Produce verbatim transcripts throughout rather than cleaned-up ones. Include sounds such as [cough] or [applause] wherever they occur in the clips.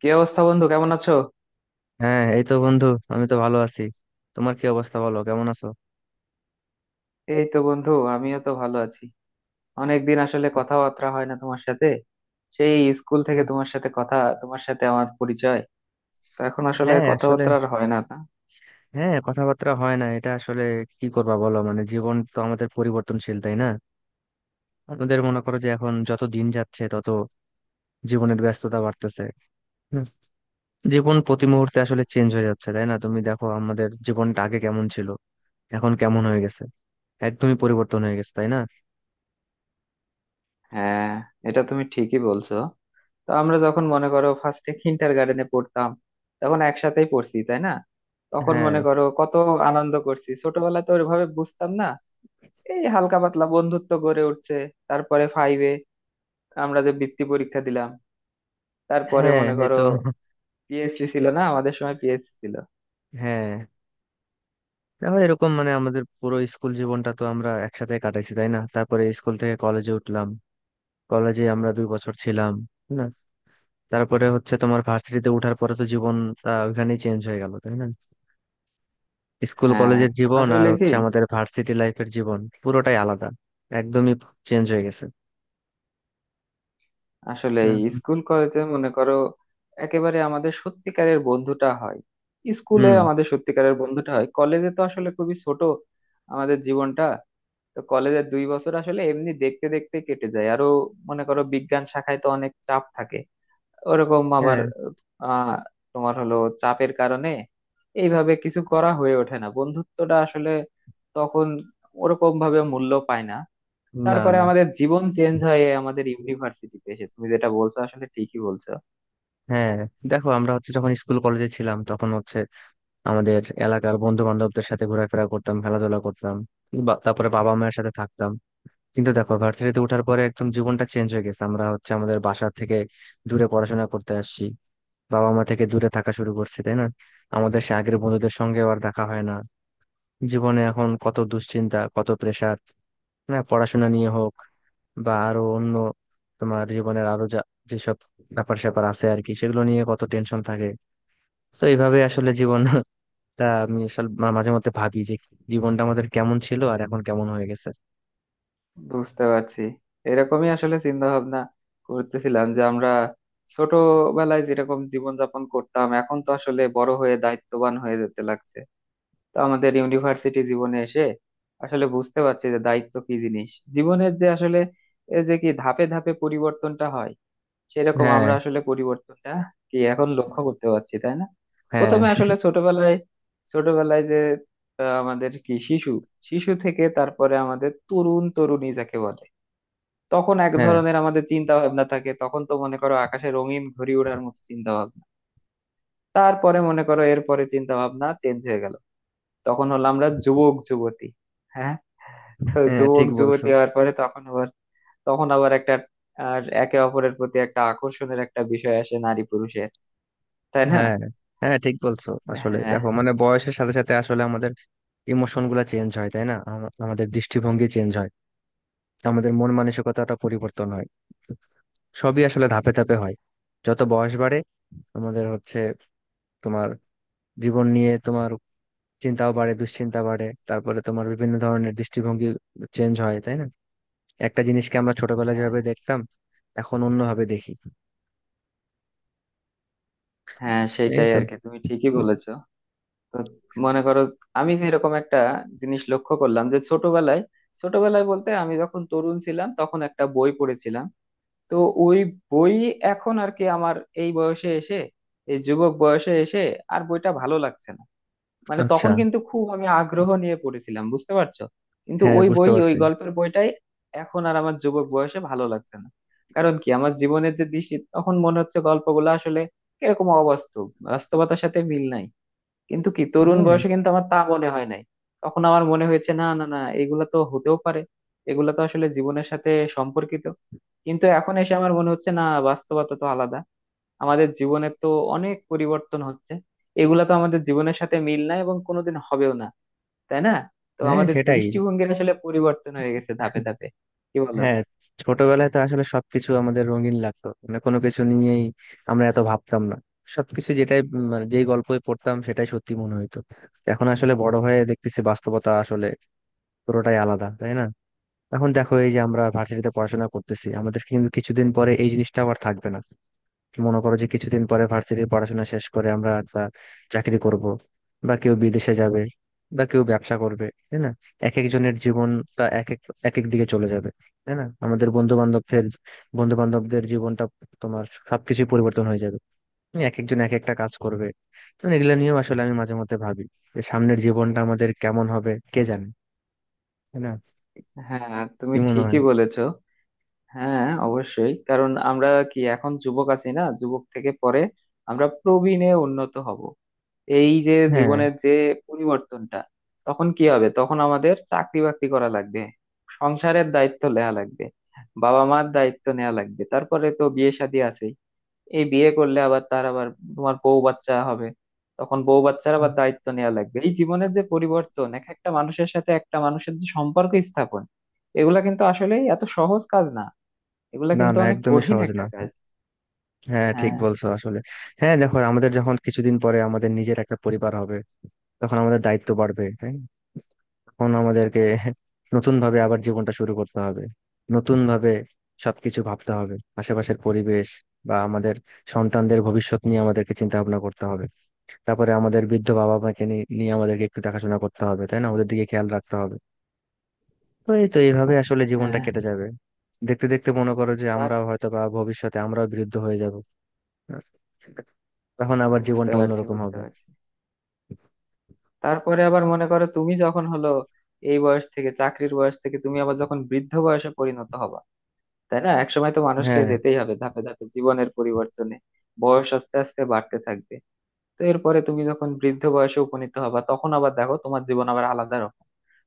কি অবস্থা বন্ধু, কেমন আছো? হ্যাঁ, এই তো বন্ধু। আমি তো ভালো আছি। তোমার কি অবস্থা, বলো কেমন আছো? এই তো বন্ধু, আমিও তো ভালো আছি। অনেকদিন আসলে কথাবার্তা হয় না তোমার সাথে। সেই স্কুল থেকে হ্যাঁ, তোমার সাথে কথা, তোমার সাথে আমার পরিচয়। তো এখন আসলে হ্যাঁ, আসলে কথাবার্তা আর হয় না তা। হ্যাঁ, কথাবার্তা হয় না, এটা আসলে কি করবা বলো। মানে জীবন তো আমাদের পরিবর্তনশীল, তাই না? আমাদের মনে করো যে এখন যত দিন যাচ্ছে তত জীবনের ব্যস্ততা বাড়তেছে। হুম। জীবন প্রতি মুহূর্তে আসলে চেঞ্জ হয়ে যাচ্ছে, তাই না? তুমি দেখো আমাদের জীবনটা আগে কেমন ছিল, এখন কেমন হয়ে গেছে। একদমই পরিবর্তন হয়ে গেছে, তাই না? হ্যাঁ, এটা তুমি ঠিকই বলছো। তো আমরা যখন মনে করো ফার্স্টে কিন্ডার গার্ডেনে পড়তাম, তখন একসাথেই পড়ছি তাই না। তখন হ্যাঁ, মনে করো কত আনন্দ করছি, ছোটবেলায় তো ওইভাবে বুঝতাম না, এই হালকা পাতলা বন্ধুত্ব গড়ে উঠছে। তারপরে ফাইভে আমরা যে বৃত্তি পরীক্ষা দিলাম, তারপরে হ্যাঁ মনে এই করো তো। পিএসসি ছিল না, আমাদের সময় পিএসসি ছিল। হ্যাঁ, তাহলে এরকম, মানে আমাদের পুরো স্কুল জীবনটা তো আমরা একসাথে কাটাইছি, তাই না? তারপরে স্কুল থেকে কলেজে উঠলাম। কলেজে আমরা দুই বছর ছিলাম, তাই না? তারপরে হচ্ছে তোমার ভার্সিটিতে ওঠার পরে তো জীবন ওইখানেই চেঞ্জ হয়ে গেল, তাই না? স্কুল হ্যাঁ, কলেজের জীবন আসলে আর কি, হচ্ছে আমাদের ভার্সিটি লাইফের জীবন পুরোটাই আলাদা। একদমই চেঞ্জ হয়ে গেছে আসলে না? স্কুল কলেজে মনে করো একেবারে আমাদের সত্যিকারের বন্ধুটা হয়। স্কুলে হুম। আমাদের সত্যিকারের বন্ধুটা হয়, কলেজে তো আসলে খুবই ছোট আমাদের জীবনটা। তো কলেজের দুই বছর আসলে এমনি দেখতে দেখতে কেটে যায়। আরো মনে করো বিজ্ঞান শাখায় তো অনেক চাপ থাকে, ওরকম আবার হ্যাঁ। আহ তোমার হলো চাপের কারণে এইভাবে কিছু করা হয়ে ওঠে না, বন্ধুত্বটা আসলে তখন ওরকম ভাবে মূল্য পায় না। না তারপরে না, আমাদের জীবন চেঞ্জ হয় এই আমাদের ইউনিভার্সিটিতে এসে, তুমি যেটা বলছো আসলে ঠিকই বলছো। হ্যাঁ দেখো, আমরা হচ্ছে যখন স্কুল কলেজে ছিলাম তখন হচ্ছে আমাদের এলাকার বন্ধু বান্ধবদের সাথে ঘোরাফেরা করতাম, খেলাধুলা করতাম। বা- তারপরে বাবা মায়ের সাথে থাকতাম। কিন্তু দেখো, ভার্সিটিতে ওঠার পরে একদম জীবনটা চেঞ্জ হয়ে গেছে। আমরা হচ্ছে আমাদের বাসা থেকে দূরে পড়াশোনা করতে আসছি, বাবা মা থেকে দূরে থাকা শুরু করছি, তাই না? আমাদের সে আগের বন্ধুদের সঙ্গে আর দেখা হয় না। জীবনে এখন কত দুশ্চিন্তা, কত প্রেশার, না পড়াশোনা নিয়ে হোক বা আরো অন্য তোমার জীবনের আরো যা যেসব ব্যাপার স্যাপার আছে আর কি, সেগুলো নিয়ে কত টেনশন থাকে। তো এইভাবে আসলে জীবন। তা আমি আসলে মা- মাঝে মধ্যে ভাবি যে জীবনটা আমাদের কেমন ছিল আর এখন কেমন হয়ে গেছে। বুঝতে পারছি, এরকমই আসলে চিন্তা ভাবনা করতেছিলাম যে আমরা ছোটবেলায় যেরকম জীবন যাপন করতাম, এখন তো আসলে বড় হয়ে দায়িত্ববান হয়ে যেতে লাগছে। তো আমাদের ইউনিভার্সিটি জীবনে এসে আসলে বুঝতে পারছি যে দায়িত্ব কি জিনিস, জীবনের যে আসলে এই যে কি ধাপে ধাপে পরিবর্তনটা হয়, সেরকম হ্যাঁ, আমরা আসলে পরিবর্তনটা কি এখন লক্ষ্য করতে পারছি তাই না। হ্যাঁ। প্রথমে আসলে ছোটবেলায় ছোটবেলায় যে আহ, আমাদের কি শিশু শিশু থেকে তারপরে আমাদের তরুণ তরুণী যাকে বলে, তখন এক হ্যাঁ, ধরনের আমাদের চিন্তা ভাবনা থাকে। তখন তো মনে করো আকাশে রঙিন ঘুড়ি ওড়ার মতো চিন্তা ভাবনা। তারপরে মনে করো এরপরে চিন্তা ভাবনা চেঞ্জ হয়ে গেল, তখন হলো আমরা যুবক যুবতী। হ্যাঁ, তো হ্যাঁ যুবক ঠিক বলছো। যুবতী হওয়ার পরে তখন আবার, তখন আবার একটা আর একে অপরের প্রতি একটা আকর্ষণের একটা বিষয় আসে নারী পুরুষের, তাই না। হ্যাঁ, হ্যাঁ ঠিক বলছো আসলে। হ্যাঁ, দেখো, মানে বয়সের সাথে সাথে আসলে আমাদের ইমোশন গুলা চেঞ্জ হয়, তাই না? আমা- আমাদের দৃষ্টিভঙ্গি চেঞ্জ হয়, আমাদের মন মানসিকতাটা পরিবর্তন হয়। সবই আসলে ধাপে ধাপে হয়। যত বয়স বাড়ে আমাদের হচ্ছে তোমার জীবন নিয়ে তোমার চিন্তাও বাড়ে, দুশ্চিন্তা বাড়ে। তারপরে তোমার বিভিন্ন ধরনের দৃষ্টিভঙ্গি চেঞ্জ হয়, তাই না? একটা জিনিসকে আমরা ছোটবেলায় হ্যাঁ, যেভাবে দেখতাম এখন অন্যভাবে দেখি। হ্যাঁ এই সেটাই তো। আর কি, তুমি ঠিকই বলেছো। তো মনে করো আমি এরকম একটা জিনিস লক্ষ্য করলাম যে ছোটবেলায়, ছোটবেলায় বলতে আমি যখন তরুণ ছিলাম তখন একটা বই পড়েছিলাম, তো ওই বই এখন আর কি আমার এই বয়সে এসে, এই যুবক বয়সে এসে আর বইটা ভালো লাগছে না। মানে আচ্ছা, তখন কিন্তু খুব আমি আগ্রহ নিয়ে পড়েছিলাম, বুঝতে পারছো। কিন্তু হ্যাঁ ওই বুঝতে বই, ওই পারছি। গল্পের বইটাই এখন আর আমার যুবক বয়সে ভালো লাগছে না। কারণ কি আমার জীবনের যে দৃষ্টি, তখন মনে হচ্ছে গল্পগুলো আসলে কিরকম অবাস্তব, বাস্তবতার সাথে মিল নাই। কিন্তু কি তরুণ হ্যাঁ, বয়সে কিন্তু আমার তা মনে হয় নাই। তখন আমার মনে হয়েছে না না না, এগুলা তো হতেও পারে, এগুলা তো আসলে জীবনের সাথে সম্পর্কিত। কিন্তু এখন এসে আমার মনে হচ্ছে না, বাস্তবতা তো আলাদা, আমাদের জীবনে তো অনেক পরিবর্তন হচ্ছে, এগুলা তো আমাদের জীবনের সাথে মিল নাই এবং কোনোদিন হবেও না, তাই না। তো হ্যাঁ আমাদের সেটাই। দৃষ্টিভঙ্গির আসলে পরিবর্তন হয়ে গেছে ধাপে ধাপে, কি বলো। হ্যাঁ, ছোটবেলায় তো আসলে সবকিছু আমাদের রঙিন লাগতো, মানে কোনো কিছু নিয়েই আমরা এত ভাবতাম না। সবকিছু যেটাই উম, মানে যেই গল্পই পড়তাম সেটাই সত্যি মনে হইতো। এখন আসলে বড় হয়ে দেখতেছি বাস্তবতা আসলে পুরোটাই আলাদা, তাই না? এখন দেখো, এই যে আমরা ভার্সিটিতে পড়াশোনা করতেছি, আমাদের কিন্তু কিছুদিন পরে এই জিনিসটা আবার থাকবে না। মনে করো যে কিছুদিন পরে ভার্সিটির পড়াশোনা শেষ করে আমরা একটা চাকরি করব, বা কেউ বিদেশে যাবে, বা কেউ ব্যবসা করবে, তাই না? এক একজনের জীবনটা এক এক এক এক দিকে চলে যাবে, তাই না? আমাদের বন্ধু বান্ধবদের বন্ধু বান্ধবদের জীবনটা, তোমার সবকিছু পরিবর্তন হয়ে যাবে। তুমি এক একজন এক একটা কাজ করবে। তো এগুলো নিয়েও আসলে আমি মাঝে মধ্যে ভাবি যে সামনের জীবনটা আমাদের কেমন হবে কে জানে, তাই না? হ্যাঁ তুমি কি মনে হয়? ঠিকই বলেছো। হ্যাঁ অবশ্যই, কারণ আমরা কি এখন যুবক আছি, না যুবক থেকে পরে আমরা প্রবীণে উন্নত হব। এই যে হ্যাঁ, জীবনের যে পরিবর্তনটা, তখন কি হবে? তখন আমাদের চাকরি বাকরি করা লাগবে, সংসারের দায়িত্ব নেওয়া লাগবে, বাবা মার দায়িত্ব নেওয়া লাগবে, তারপরে তো বিয়ে শাদী আছে। এই বিয়ে করলে আবার তার আবার তোমার বউ বাচ্চা হবে, তখন বউ বাচ্চার আবার দায়িত্ব নেওয়া লাগবে। এই জীবনের যে পরিবর্তন, এক একটা মানুষের সাথে একটা মানুষের যে সম্পর্ক স্থাপন, এগুলা কিন্তু আসলে এত সহজ কাজ না, এগুলা না কিন্তু না অনেক একদমই কঠিন সহজ একটা না। কাজ। হ্যাঁ ঠিক হ্যাঁ, বলছো আসলে। হ্যাঁ, দেখো আমাদের যখন কিছুদিন পরে আমাদের নিজের একটা পরিবার হবে, তখন আমাদের দায়িত্ব বাড়বে। হ্যাঁ, তখন আমাদেরকে নতুন ভাবে আবার জীবনটা শুরু করতে হবে, নতুন ভাবে সবকিছু ভাবতে হবে। আশেপাশের পরিবেশ বা আমাদের সন্তানদের ভবিষ্যৎ নিয়ে আমাদেরকে চিন্তা ভাবনা করতে হবে। তারপরে আমাদের বৃদ্ধ বাবা মাকে নি- নিয়ে আমাদেরকে একটু দেখাশোনা করতে হবে, তাই না? ওদের দিকে খেয়াল রাখতে হবে। তো এই তো, এইভাবে আসলে জীবনটা হ্যাঁ কেটে যাবে। দেখতে দেখতে মনে করো যে তার আমরাও হয়তো বা ভবিষ্যতে আমরাও বৃদ্ধ হয়ে যাব। তখন আবার বুঝতে জীবনটা পারছি, অন্যরকম বুঝতে হবে। পারছি। তারপরে আবার মনে করো তুমি যখন হলো এই বয়স থেকে, চাকরির বয়স থেকে তুমি আবার যখন বৃদ্ধ বয়সে পরিণত হবা, তাই না। একসময় তো মানুষকে হ্যাঁ, যেতেই হবে ধাপে ধাপে জীবনের পরিবর্তনে, বয়স আস্তে আস্তে বাড়তে থাকবে। তো এরপরে তুমি যখন বৃদ্ধ বয়সে উপনীত হবা, তখন আবার দেখো তোমার জীবন আবার আলাদা রকম।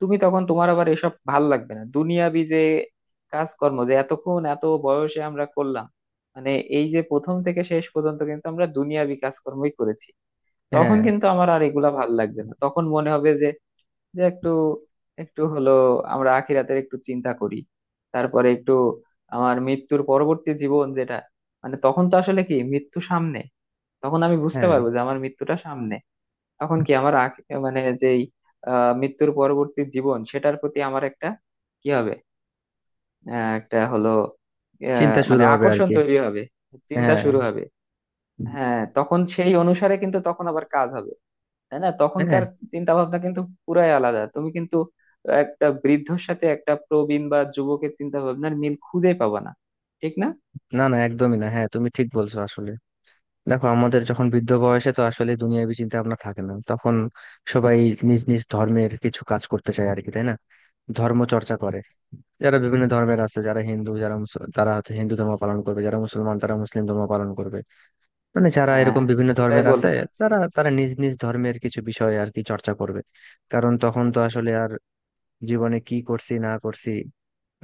তুমি তখন, তোমার আবার এসব ভাল লাগবে না দুনিয়াবি যে কাজকর্ম যে এতক্ষণ এত বয়সে আমরা করলাম, মানে এই যে প্রথম থেকে শেষ পর্যন্ত কিন্তু আমরা দুনিয়াবি কাজকর্মই করেছি। তখন হ্যাঁ। কিন্তু আমার আর এগুলা ভাল লাগবে না, তখন মনে হবে যে যে একটু একটু হলো আমরা আখিরাতের একটু চিন্তা করি। তারপরে একটু আমার মৃত্যুর পরবর্তী জীবন যেটা, মানে তখন তো আসলে কি মৃত্যু সামনে, তখন আমি বুঝতে হ্যাঁ, পারবো যে আমার মৃত্যুটা সামনে। তখন কি আমার আখ- মানে যেই আহ, মৃত্যুর পরবর্তী জীবন, সেটার প্রতি আমার একটা কি হবে, আহ, একটা হলো আহ, চিন্তা শুরু মানে হবে আর আকর্ষণ কি। তৈরি হবে, চিন্তা হ্যাঁ, শুরু হবে। হ্যাঁ তখন সেই অনুসারে কিন্তু তখন আবার কাজ হবে, তাই না। হ্যাঁ। তখনকার চিন্তা ভাবনা কিন্তু পুরাই আলাদা। তুমি কিন্তু একটা বৃদ্ধর সাথে একটা প্রবীণ বা যুবকের চিন্তা ভাবনার মিল খুঁজে পাবা না, ঠিক না। না না একদমই না। হ্যাঁ, তুমি ঠিক বলছো আসলে। দেখো আমাদের যখন বৃদ্ধ বয়সে তো আসলে দুনিয়াবি চিন্তা ভাবনা থাকে না তখন। সবাই নিজ নিজ ধর্মের কিছু কাজ করতে চায় আর কি, তাই না? ধর্ম চর্চা করে। যারা বিভিন্ন ধর্মের আছে, যারা হিন্দু, যারা মুস- তারা হয়তো হিন্দু ধর্ম পালন করবে, যারা মুসলমান তারা মুসলিম ধর্ম পালন করবে। মানে যারা হ্যাঁ, এরকম বিভিন্ন ওটাই ধর্মের আছে, বলতে চাচ্ছি। তারা তারা নিজ নিজ ধর্মের কিছু বিষয় আর কি চর্চা করবে। কারণ তখন তো আসলে আর জীবনে কি করছি না করছি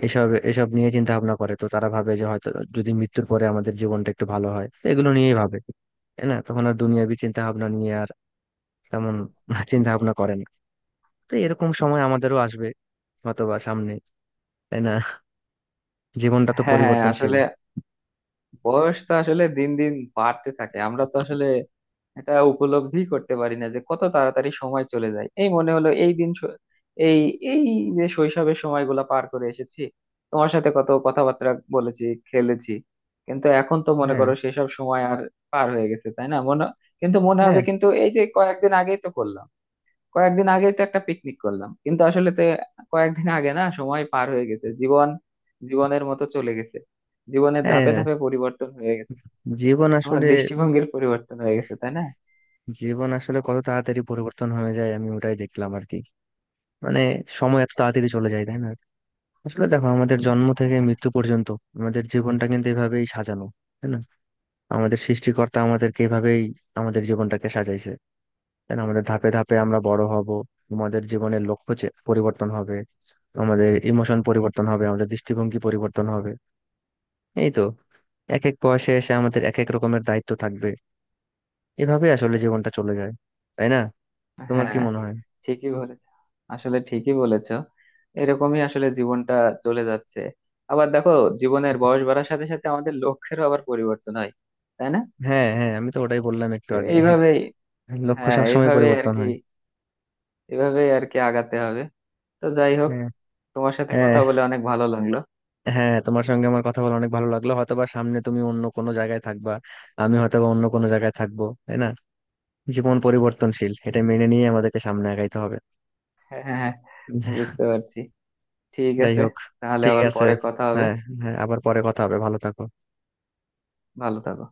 এসব এসব নিয়ে চিন্তা ভাবনা করে, তো তারা ভাবে যে হয়তো যদি মৃত্যুর পরে আমাদের জীবনটা একটু ভালো হয়, তো এগুলো নিয়েই ভাবে, তাই না? তখন আর দুনিয়াবি চিন্তা ভাবনা নিয়ে আর তেমন [laughs] চিন্তা ভাবনা করে না। তো এরকম সময় আমাদেরও আসবে, অথবা সামনে, তাই না? জীবনটা তো হ্যাঁ পরিবর্তনশীল। আসলে বয়স তো আসলে দিন দিন বাড়তে থাকে, আমরা তো আসলে এটা উপলব্ধি করতে পারি না যে কত তাড়াতাড়ি সময় চলে যায়। এই মনে হলো এই দিন শ- এই, এই যে শৈশবের সময়গুলো পার করে এসেছি, তোমার সাথে কত কথাবার্তা বলেছি, খেলেছি, কিন্তু এখন তো মনে হ্যাঁ, করো সেসব সময় আর পার হয়ে গেছে, তাই না। মনে কিন্তু মনে হবে হ্যাঁ। কিন্তু এই যে কয়েকদিন আগেই তো করলাম, কয়েকদিন আগেই তো একটা পিকনিক করলাম, কিন্তু আসলে তো কয়েকদিন আগে না, সময় পার হয়ে গেছে, জীবন জীবনের মতো চলে গেছে। জীবনের ধাপে হ্যাঁ, ধাপে পরিবর্তন হয়ে গেছে, জীবন আমার আসলে দৃষ্টিভঙ্গির পরিবর্তন হয়ে গেছে, তাই না। জীবন আসলে কত তাড়াতাড়ি পরিবর্তন হয়ে যায় আমি ওটাই দেখলাম আর কি। মানে সময় এত তাড়াতাড়ি চলে যায়, তাই না? আসলে দেখো আমাদের জন্ম থেকে হ্যাঁ, মৃত্যু পর্যন্ত আমাদের জীবনটা কিন্তু এভাবেই সাজানো, তাই না? আমাদের সৃষ্টিকর্তা আমাদেরকে এভাবেই আমাদের জীবনটাকে সাজাইছে, তাই না? আমাদের ধাপে ধাপে আমরা বড় হব, আমাদের জীবনের লক্ষ্য চে- পরিবর্তন হবে, আমাদের ইমোশন পরিবর্তন হবে, আমাদের দৃষ্টিভঙ্গি পরিবর্তন হবে। এই তো। এক এক বয়সে এসে আমাদের এক এক রকমের দায়িত্ব থাকবে। এভাবে আসলে জীবনটা চলে যায়, তাই না? তোমার কি হ্যাঁ মনে হয়? ঠিকই বলেছ, আসলে ঠিকই বলেছ। এরকমই আসলে জীবনটা চলে যাচ্ছে। আবার দেখো জীবনের বয়স বাড়ার সাথে সাথে আমাদের লক্ষ্যেরও আবার পরিবর্তন হয়, তাই না। হ্যাঁ, হ্যাঁ আমি তো ওটাই বললাম একটু তো আগে। হ্যাঁ, এইভাবেই, লক্ষ্য হ্যাঁ সবসময় এইভাবে আর পরিবর্তন কি, হয়। এইভাবেই আর কি আগাতে হবে। তো যাই হোক, হ্যাঁ। তোমার সাথে হ্যাঁ, কথা বলে অনেক ভালো লাগলো। হ্যাঁ তোমার সঙ্গে আমার কথা বলে অনেক ভালো লাগলো। হয়তোবা সামনে তুমি অন্য কোনো জায়গায় থাকবা, আমি হয়তোবা অন্য কোনো জায়গায় থাকবো, তাই না? জীবন পরিবর্তনশীল, এটা মেনে নিয়ে আমাদেরকে সামনে আগাইতে হবে। হ্যাঁ, হ্যাঁ, বুঝতে পারছি, ঠিক যাই আছে, হোক, তাহলে ঠিক আবার আছে। পরে কথা হবে। হ্যাঁ, হ্যাঁ আবার পরে কথা হবে। ভালো থাকো। ভালো থাকো।